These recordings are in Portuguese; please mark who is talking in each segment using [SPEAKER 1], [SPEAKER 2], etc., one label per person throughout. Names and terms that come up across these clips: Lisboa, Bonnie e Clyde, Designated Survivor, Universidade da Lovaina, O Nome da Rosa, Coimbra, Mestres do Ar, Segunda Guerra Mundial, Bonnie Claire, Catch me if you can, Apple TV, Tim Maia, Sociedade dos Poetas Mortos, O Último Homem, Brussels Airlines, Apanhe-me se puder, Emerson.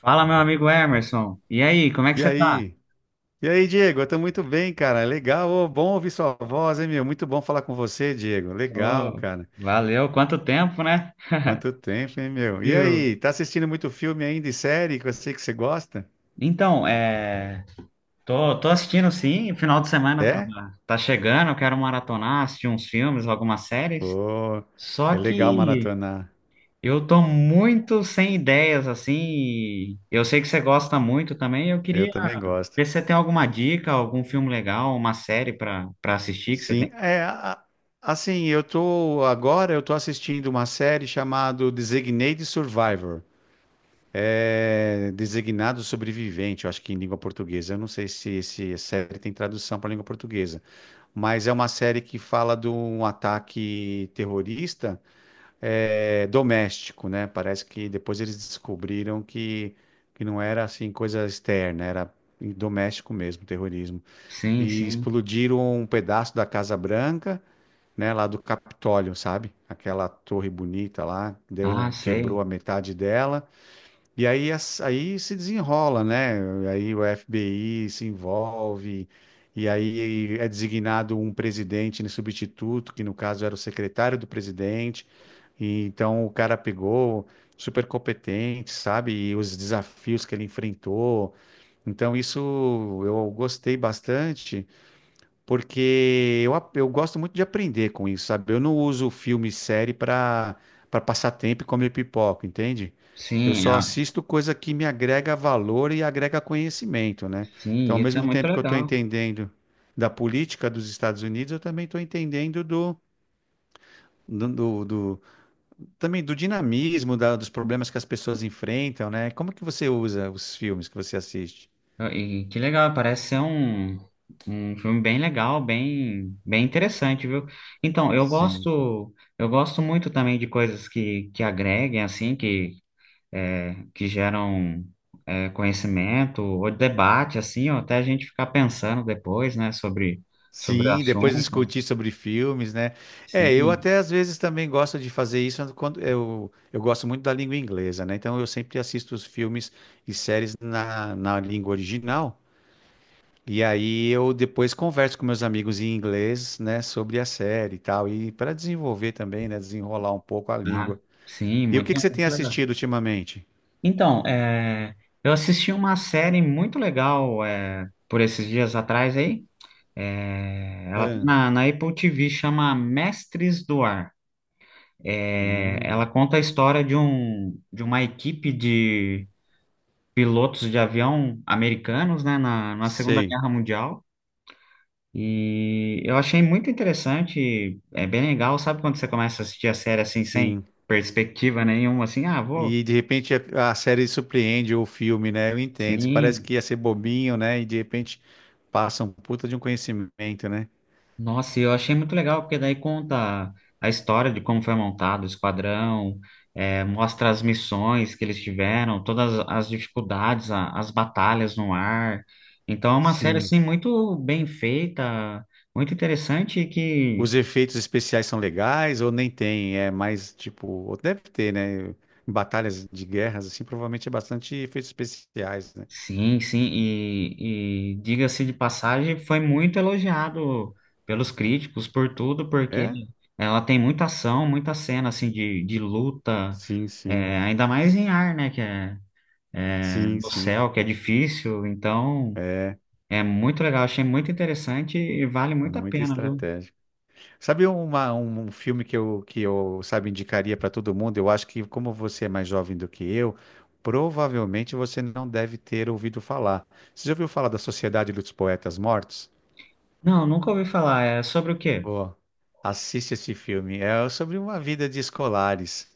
[SPEAKER 1] Fala, meu amigo Emerson. E aí, como é que
[SPEAKER 2] E
[SPEAKER 1] você tá?
[SPEAKER 2] aí? E aí, Diego? Eu tô muito bem, cara. Legal, ô, bom ouvir sua voz, hein, meu? Muito bom falar com você, Diego. Legal,
[SPEAKER 1] Ô,
[SPEAKER 2] cara.
[SPEAKER 1] valeu, quanto tempo, né?
[SPEAKER 2] Quanto tempo, hein, meu? E
[SPEAKER 1] Viu?
[SPEAKER 2] aí, tá assistindo muito filme ainda e série que eu sei que você gosta?
[SPEAKER 1] Então, tô assistindo sim, o final de semana tá,
[SPEAKER 2] É?
[SPEAKER 1] tá chegando, eu quero maratonar, assistir uns filmes, algumas séries.
[SPEAKER 2] Pô,
[SPEAKER 1] Só
[SPEAKER 2] é legal
[SPEAKER 1] que
[SPEAKER 2] maratonar.
[SPEAKER 1] eu tô muito sem ideias, assim, e eu sei que você gosta muito também, eu
[SPEAKER 2] Eu
[SPEAKER 1] queria
[SPEAKER 2] também gosto.
[SPEAKER 1] ver se você tem alguma dica, algum filme legal, uma série pra assistir que você tem.
[SPEAKER 2] Sim, assim, agora eu tô assistindo uma série chamada Designated Survivor. É designado sobrevivente, eu acho que em língua portuguesa. Eu não sei se essa série tem tradução para língua portuguesa. Mas é uma série que fala de um ataque terrorista doméstico, né? Parece que depois eles descobriram que não era assim coisa externa, era doméstico mesmo, terrorismo.
[SPEAKER 1] Sim,
[SPEAKER 2] E
[SPEAKER 1] sim.
[SPEAKER 2] explodiram um pedaço da Casa Branca, né? Lá do Capitólio, sabe? Aquela torre bonita lá,
[SPEAKER 1] Ah,
[SPEAKER 2] deu, quebrou
[SPEAKER 1] sei.
[SPEAKER 2] a metade dela. E aí, aí se desenrola, né? Aí o FBI se envolve, e aí é designado um presidente, né, substituto, que no caso era o secretário do presidente. E então o cara pegou, super competente, sabe? E os desafios que ele enfrentou. Então, isso eu gostei bastante porque eu gosto muito de aprender com isso, sabe? Eu não uso filme e série para passar tempo e comer pipoca, entende? Eu
[SPEAKER 1] Sim,
[SPEAKER 2] só
[SPEAKER 1] ah,
[SPEAKER 2] assisto coisa que me agrega valor e agrega conhecimento, né? Então,
[SPEAKER 1] sim,
[SPEAKER 2] ao
[SPEAKER 1] isso é
[SPEAKER 2] mesmo
[SPEAKER 1] muito
[SPEAKER 2] tempo que eu estou
[SPEAKER 1] legal.
[SPEAKER 2] entendendo da política dos Estados Unidos, eu também estou entendendo do, do- do- também do dinamismo, dos problemas que as pessoas enfrentam, né? Como que você usa os filmes que você assiste?
[SPEAKER 1] E que legal, parece ser um filme bem legal, bem interessante, viu? Então, eu
[SPEAKER 2] Sim.
[SPEAKER 1] gosto, eu gosto muito também de coisas que agreguem, assim, que geram conhecimento, ou debate, assim, ou até a gente ficar pensando depois, né, sobre, sobre o
[SPEAKER 2] Sim, depois
[SPEAKER 1] assunto.
[SPEAKER 2] discutir sobre filmes, né? É, eu
[SPEAKER 1] Sim,
[SPEAKER 2] até às vezes também gosto de fazer isso quando eu gosto muito da língua inglesa, né? Então eu sempre assisto os filmes e séries na, na língua original. E aí eu depois converso com meus amigos em inglês, né, sobre a série e tal, e para desenvolver também, né, desenrolar um pouco a língua.
[SPEAKER 1] tá? Sim,
[SPEAKER 2] E o
[SPEAKER 1] muito,
[SPEAKER 2] que que você tem
[SPEAKER 1] muito legal.
[SPEAKER 2] assistido ultimamente?
[SPEAKER 1] Então, eu assisti uma série muito legal por esses dias atrás aí. É, ela tá
[SPEAKER 2] Ah,
[SPEAKER 1] na, na Apple TV, chama Mestres do Ar. É, ela
[SPEAKER 2] hum,
[SPEAKER 1] conta a história de um, de uma equipe de pilotos de avião americanos, né, na, na Segunda
[SPEAKER 2] sei,
[SPEAKER 1] Guerra Mundial. E eu achei muito interessante, é bem legal, sabe quando você começa a assistir a série assim, sem
[SPEAKER 2] sim.
[SPEAKER 1] perspectiva nenhuma, assim, ah, vou,
[SPEAKER 2] E de repente a série surpreende ou o filme, né? Eu entendo. Parece que
[SPEAKER 1] sim.
[SPEAKER 2] ia ser bobinho, né? E de repente passa um puta de um conhecimento, né?
[SPEAKER 1] Nossa, e eu achei muito legal, porque daí conta a história de como foi montado o esquadrão, mostra as missões que eles tiveram, todas as dificuldades, as batalhas no ar. Então é uma série,
[SPEAKER 2] Sim.
[SPEAKER 1] assim, muito bem feita, muito interessante e que,
[SPEAKER 2] Os efeitos especiais são legais ou nem tem? É mais tipo, ou deve ter, né? Em Batalhas de guerras, assim, provavelmente é bastante efeitos especiais, né?
[SPEAKER 1] sim, sim, e diga-se de passagem, foi muito elogiado pelos críticos por tudo, porque
[SPEAKER 2] É?
[SPEAKER 1] ela tem muita ação, muita cena, assim, de luta,
[SPEAKER 2] Sim, sim.
[SPEAKER 1] ainda mais em ar, né, que é
[SPEAKER 2] Sim,
[SPEAKER 1] no
[SPEAKER 2] sim.
[SPEAKER 1] céu, que é difícil. Então,
[SPEAKER 2] É,
[SPEAKER 1] é muito legal, achei muito interessante e vale
[SPEAKER 2] é
[SPEAKER 1] muito a
[SPEAKER 2] muita
[SPEAKER 1] pena, viu?
[SPEAKER 2] estratégia. Sabe uma, um um filme que sabe, indicaria para todo mundo? Eu acho que, como você é mais jovem do que eu, provavelmente você não deve ter ouvido falar. Você já ouviu falar da Sociedade dos Poetas Mortos?
[SPEAKER 1] Não, nunca ouvi falar. É sobre o quê?
[SPEAKER 2] Pô, assiste esse filme. É sobre uma vida de escolares,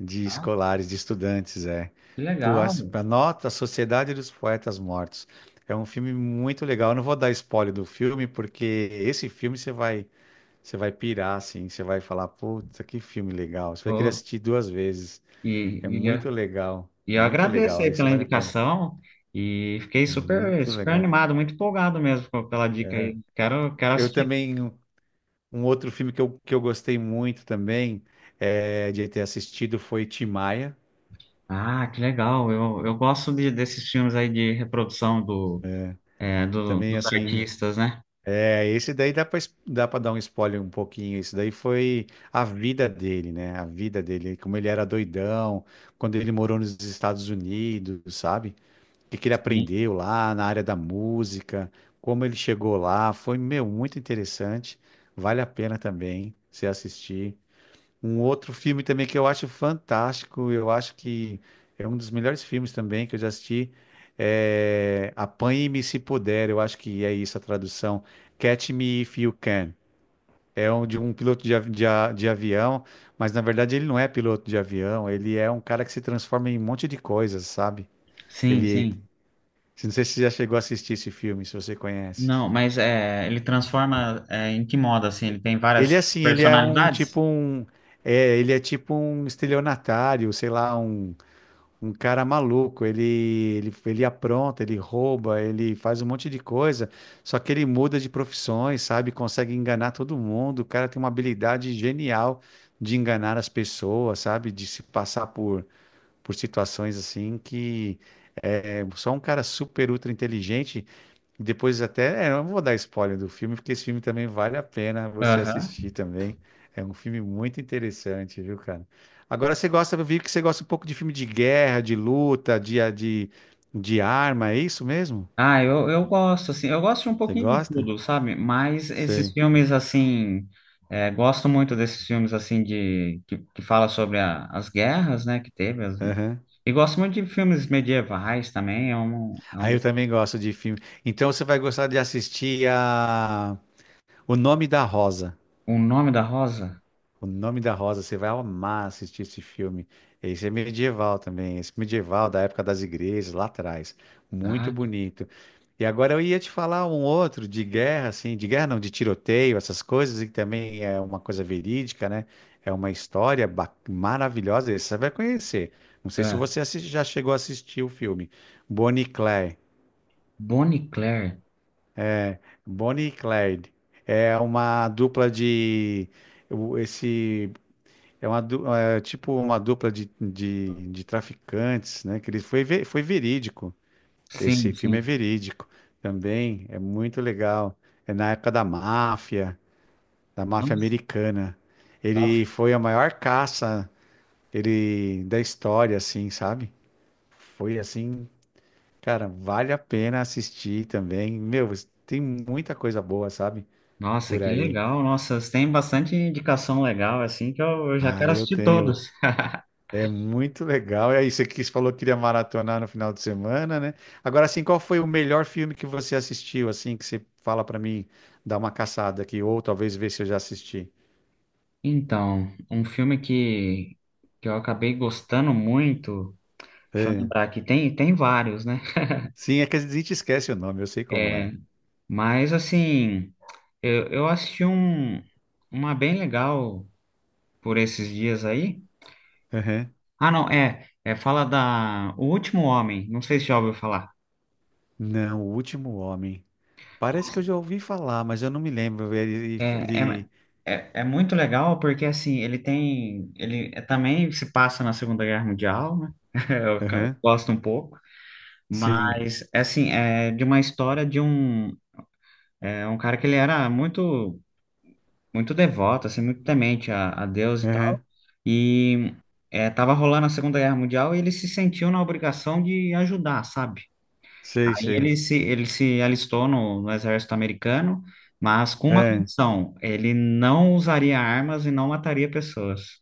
[SPEAKER 2] de escolares, de estudantes, é.
[SPEAKER 1] Que
[SPEAKER 2] Pô,
[SPEAKER 1] legal.
[SPEAKER 2] anota a Sociedade dos Poetas Mortos. É um filme muito legal. Eu não vou dar spoiler do filme, porque esse filme você vai. Você vai pirar, assim, você vai falar, puta, que filme legal. Você vai querer
[SPEAKER 1] Ô,
[SPEAKER 2] assistir duas vezes.
[SPEAKER 1] e,
[SPEAKER 2] É
[SPEAKER 1] e, eu,
[SPEAKER 2] muito legal,
[SPEAKER 1] e eu
[SPEAKER 2] muito
[SPEAKER 1] agradeço
[SPEAKER 2] legal.
[SPEAKER 1] aí
[SPEAKER 2] Isso
[SPEAKER 1] pela
[SPEAKER 2] vale a pena.
[SPEAKER 1] indicação e fiquei
[SPEAKER 2] É
[SPEAKER 1] super,
[SPEAKER 2] muito
[SPEAKER 1] super
[SPEAKER 2] legal.
[SPEAKER 1] animado, muito empolgado mesmo com- pela dica
[SPEAKER 2] É.
[SPEAKER 1] aí. Quero, quero
[SPEAKER 2] Eu
[SPEAKER 1] assistir.
[SPEAKER 2] também, um outro filme que eu gostei muito também de ter assistido foi Tim Maia.
[SPEAKER 1] Ah, que legal. Eu gosto de, desses filmes aí de reprodução do, é, do,
[SPEAKER 2] Também,
[SPEAKER 1] dos
[SPEAKER 2] assim,
[SPEAKER 1] artistas, né?
[SPEAKER 2] é, esse daí dá para dar um spoiler um pouquinho. Esse daí foi a vida dele, né? A vida dele, como ele era doidão, quando ele morou nos Estados Unidos, sabe? O que que ele
[SPEAKER 1] Sim,
[SPEAKER 2] aprendeu lá na área da música, como ele chegou lá. Foi, meu, muito interessante. Vale a pena também você assistir. Um outro filme também que eu acho fantástico, eu acho que é um dos melhores filmes também que eu já assisti. É Apanhe-me se puder, eu acho que é isso a tradução. Catch me if you can. É um, de um piloto de avião, mas na verdade ele não é piloto de avião, ele é um cara que se transforma em um monte de coisas, sabe?
[SPEAKER 1] sim.
[SPEAKER 2] Ele,
[SPEAKER 1] sim.
[SPEAKER 2] não sei se você já chegou a assistir esse filme, se você conhece.
[SPEAKER 1] Não, mas é, ele transforma é, em que modo, assim? Ele tem
[SPEAKER 2] Ele é
[SPEAKER 1] várias
[SPEAKER 2] assim, ele é um
[SPEAKER 1] personalidades?
[SPEAKER 2] tipo um, é, ele é tipo um estelionatário, sei lá, um cara maluco. Ele apronta, ele rouba, ele faz um monte de coisa. Só que ele muda de profissões, sabe? Consegue enganar todo mundo. O cara tem uma habilidade genial de enganar as pessoas, sabe? De se passar por situações assim que é só um cara super ultra inteligente. Depois até, eu não vou dar spoiler do filme, porque esse filme também vale a pena você
[SPEAKER 1] Aham.
[SPEAKER 2] assistir também. É um filme muito interessante, viu, cara? Agora você gosta, eu vi que você gosta um pouco de filme de guerra, de luta, de arma, é isso mesmo?
[SPEAKER 1] Ah, eu gosto, assim, eu gosto de um
[SPEAKER 2] Você
[SPEAKER 1] pouquinho de
[SPEAKER 2] gosta?
[SPEAKER 1] tudo, sabe? Mas esses
[SPEAKER 2] Sei.
[SPEAKER 1] filmes, assim, é, gosto muito desses filmes, assim, de, que fala sobre as guerras, né, que teve. As-
[SPEAKER 2] Aham.
[SPEAKER 1] E gosto muito de filmes medievais também, é
[SPEAKER 2] Aí
[SPEAKER 1] um,
[SPEAKER 2] eu também gosto de filme. Então você vai gostar de assistir a O Nome da Rosa.
[SPEAKER 1] O Nome da Rosa.
[SPEAKER 2] O Nome da Rosa, você vai amar assistir esse filme. Esse é medieval também, esse medieval da época das igrejas, lá atrás. Muito
[SPEAKER 1] Ah, que-
[SPEAKER 2] bonito. E agora eu ia te falar um outro de guerra, assim, de guerra não, de tiroteio, essas coisas, e que também é uma coisa verídica, né? É uma história maravilhosa, esse você vai conhecer. Não sei se
[SPEAKER 1] é,
[SPEAKER 2] você já chegou a assistir o filme. Bonnie e Clyde.
[SPEAKER 1] Bonnie Claire.
[SPEAKER 2] Bonnie e Clyde. É uma dupla de. O- esse, é uma, é tipo uma dupla de traficantes, né? Que ele foi, foi verídico. Esse
[SPEAKER 1] Sim,
[SPEAKER 2] filme é
[SPEAKER 1] sim.
[SPEAKER 2] verídico também. É muito legal. É na época da máfia americana. Ele
[SPEAKER 1] Nossa,
[SPEAKER 2] foi a maior caça ele da história, assim, sabe? Foi assim, cara, vale a pena assistir também. Meu, tem muita coisa boa, sabe?
[SPEAKER 1] Nossa,
[SPEAKER 2] Por
[SPEAKER 1] que
[SPEAKER 2] aí.
[SPEAKER 1] legal. Nossa, tem bastante indicação legal, assim, que eu já
[SPEAKER 2] Ah,
[SPEAKER 1] quero
[SPEAKER 2] eu
[SPEAKER 1] assistir
[SPEAKER 2] tenho.
[SPEAKER 1] todos.
[SPEAKER 2] É muito legal. E aí, você quis, falou que iria maratonar no final de semana, né? Agora, assim, qual foi o melhor filme que você assistiu, assim, que você fala pra mim dar uma caçada aqui, ou talvez ver se eu já assisti?
[SPEAKER 1] Então, um filme que eu acabei gostando muito, deixa eu
[SPEAKER 2] É.
[SPEAKER 1] lembrar aqui, tem, tem vários, né?
[SPEAKER 2] Sim, é que a gente esquece o nome, eu sei como é.
[SPEAKER 1] É, mas, assim, eu assisti um, uma bem legal por esses dias aí.
[SPEAKER 2] Uhum.
[SPEAKER 1] Ah, não, é fala da O Último Homem, não sei se já ouviu falar.
[SPEAKER 2] Não, O Último Homem. Parece que eu já ouvi falar, mas eu não me lembro. Ele...
[SPEAKER 1] É, é,
[SPEAKER 2] ele...
[SPEAKER 1] é muito legal porque assim ele tem ele é, também se passa na Segunda Guerra Mundial, né? Eu ca-
[SPEAKER 2] Uhum.
[SPEAKER 1] gosto um pouco,
[SPEAKER 2] Sim.
[SPEAKER 1] mas assim é de uma história de um um cara que ele era muito devoto, assim muito temente a Deus e tal,
[SPEAKER 2] Uhum.
[SPEAKER 1] e tava rolando a Segunda Guerra Mundial e ele se sentiu na obrigação de ajudar, sabe?
[SPEAKER 2] Sei,
[SPEAKER 1] Aí
[SPEAKER 2] sei.
[SPEAKER 1] ele se alistou no exército americano, mas com uma
[SPEAKER 2] É.
[SPEAKER 1] condição, ele não usaria armas e não mataria pessoas.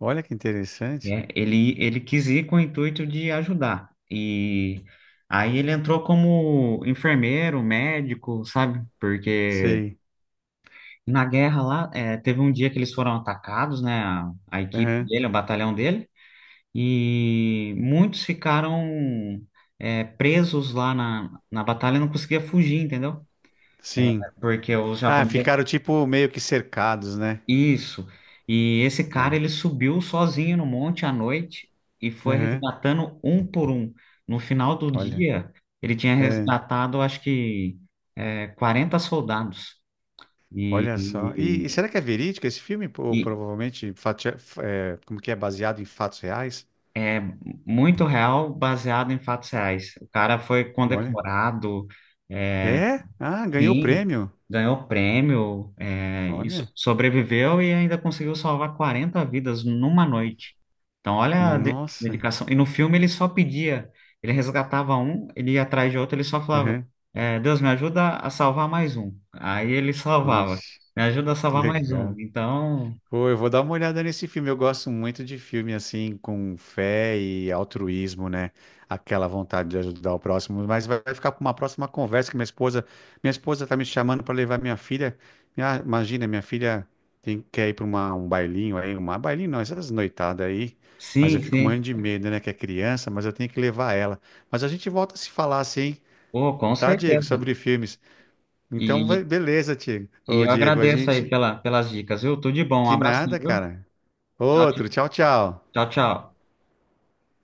[SPEAKER 2] Olha que
[SPEAKER 1] Né?
[SPEAKER 2] interessante.
[SPEAKER 1] Ele quis ir com o intuito de ajudar. E aí ele entrou como enfermeiro, médico, sabe? Porque
[SPEAKER 2] Sei.
[SPEAKER 1] na guerra lá, teve um dia que eles foram atacados, né? A equipe
[SPEAKER 2] Uhum.
[SPEAKER 1] dele, o batalhão dele, e muitos ficaram, presos lá na, na batalha e não conseguia fugir, entendeu?
[SPEAKER 2] Sim.
[SPEAKER 1] Porque os
[SPEAKER 2] Ah,
[SPEAKER 1] japoneses.
[SPEAKER 2] ficaram tipo meio que cercados, né?
[SPEAKER 1] Isso. E esse cara,
[SPEAKER 2] É.
[SPEAKER 1] ele subiu sozinho no monte à noite e foi
[SPEAKER 2] Aham.
[SPEAKER 1] resgatando um por um. No final do
[SPEAKER 2] Olha,
[SPEAKER 1] dia, ele tinha
[SPEAKER 2] é,
[SPEAKER 1] resgatado, acho que, 40 soldados. E,
[SPEAKER 2] olha só. E
[SPEAKER 1] e,
[SPEAKER 2] será que é verídico esse filme? Ou
[SPEAKER 1] e
[SPEAKER 2] provavelmente é, como que é baseado em fatos reais?
[SPEAKER 1] muito real, baseado em fatos reais. O cara foi
[SPEAKER 2] Olha,
[SPEAKER 1] condecorado. É,
[SPEAKER 2] é? Ah, ganhou o
[SPEAKER 1] sim,
[SPEAKER 2] prêmio.
[SPEAKER 1] ganhou prêmio, é, e
[SPEAKER 2] Olha,
[SPEAKER 1] sobreviveu e ainda conseguiu salvar 40 vidas numa noite. Então, olha a
[SPEAKER 2] nossa.
[SPEAKER 1] dedicação. E no filme ele só pedia, ele resgatava um, ele ia atrás de outro, ele só falava:
[SPEAKER 2] Aham.
[SPEAKER 1] Deus, me ajuda a salvar mais um. Aí ele salvava,
[SPEAKER 2] Puxa,
[SPEAKER 1] me ajuda a
[SPEAKER 2] que
[SPEAKER 1] salvar mais um.
[SPEAKER 2] legal.
[SPEAKER 1] Então,
[SPEAKER 2] Pô, eu vou dar uma olhada nesse filme. Eu gosto muito de filme assim, com fé e altruísmo, né? Aquela vontade de ajudar o próximo. Mas vai ficar para uma próxima conversa que minha esposa tá me chamando para levar minha filha. Imagina, minha filha tem quer ir para uma um bailinho aí, uma bailinho não, essas noitadas aí. Mas eu
[SPEAKER 1] sim,
[SPEAKER 2] fico
[SPEAKER 1] sim,
[SPEAKER 2] morrendo de medo, né? Que é criança, mas eu tenho que levar ela. Mas a gente volta a se falar assim,
[SPEAKER 1] pô, com
[SPEAKER 2] tá, Diego?
[SPEAKER 1] certeza.
[SPEAKER 2] Sobre filmes. Então,
[SPEAKER 1] E,
[SPEAKER 2] beleza, Diego.
[SPEAKER 1] e
[SPEAKER 2] Ô,
[SPEAKER 1] eu
[SPEAKER 2] Diego, a
[SPEAKER 1] agradeço aí
[SPEAKER 2] gente.
[SPEAKER 1] pela, pelas dicas, viu? Tudo de bom, um
[SPEAKER 2] Que
[SPEAKER 1] abraço,
[SPEAKER 2] nada,
[SPEAKER 1] viu?
[SPEAKER 2] cara.
[SPEAKER 1] Tchau, tchau,
[SPEAKER 2] Outro, tchau, tchau.
[SPEAKER 1] tchau. Tchau.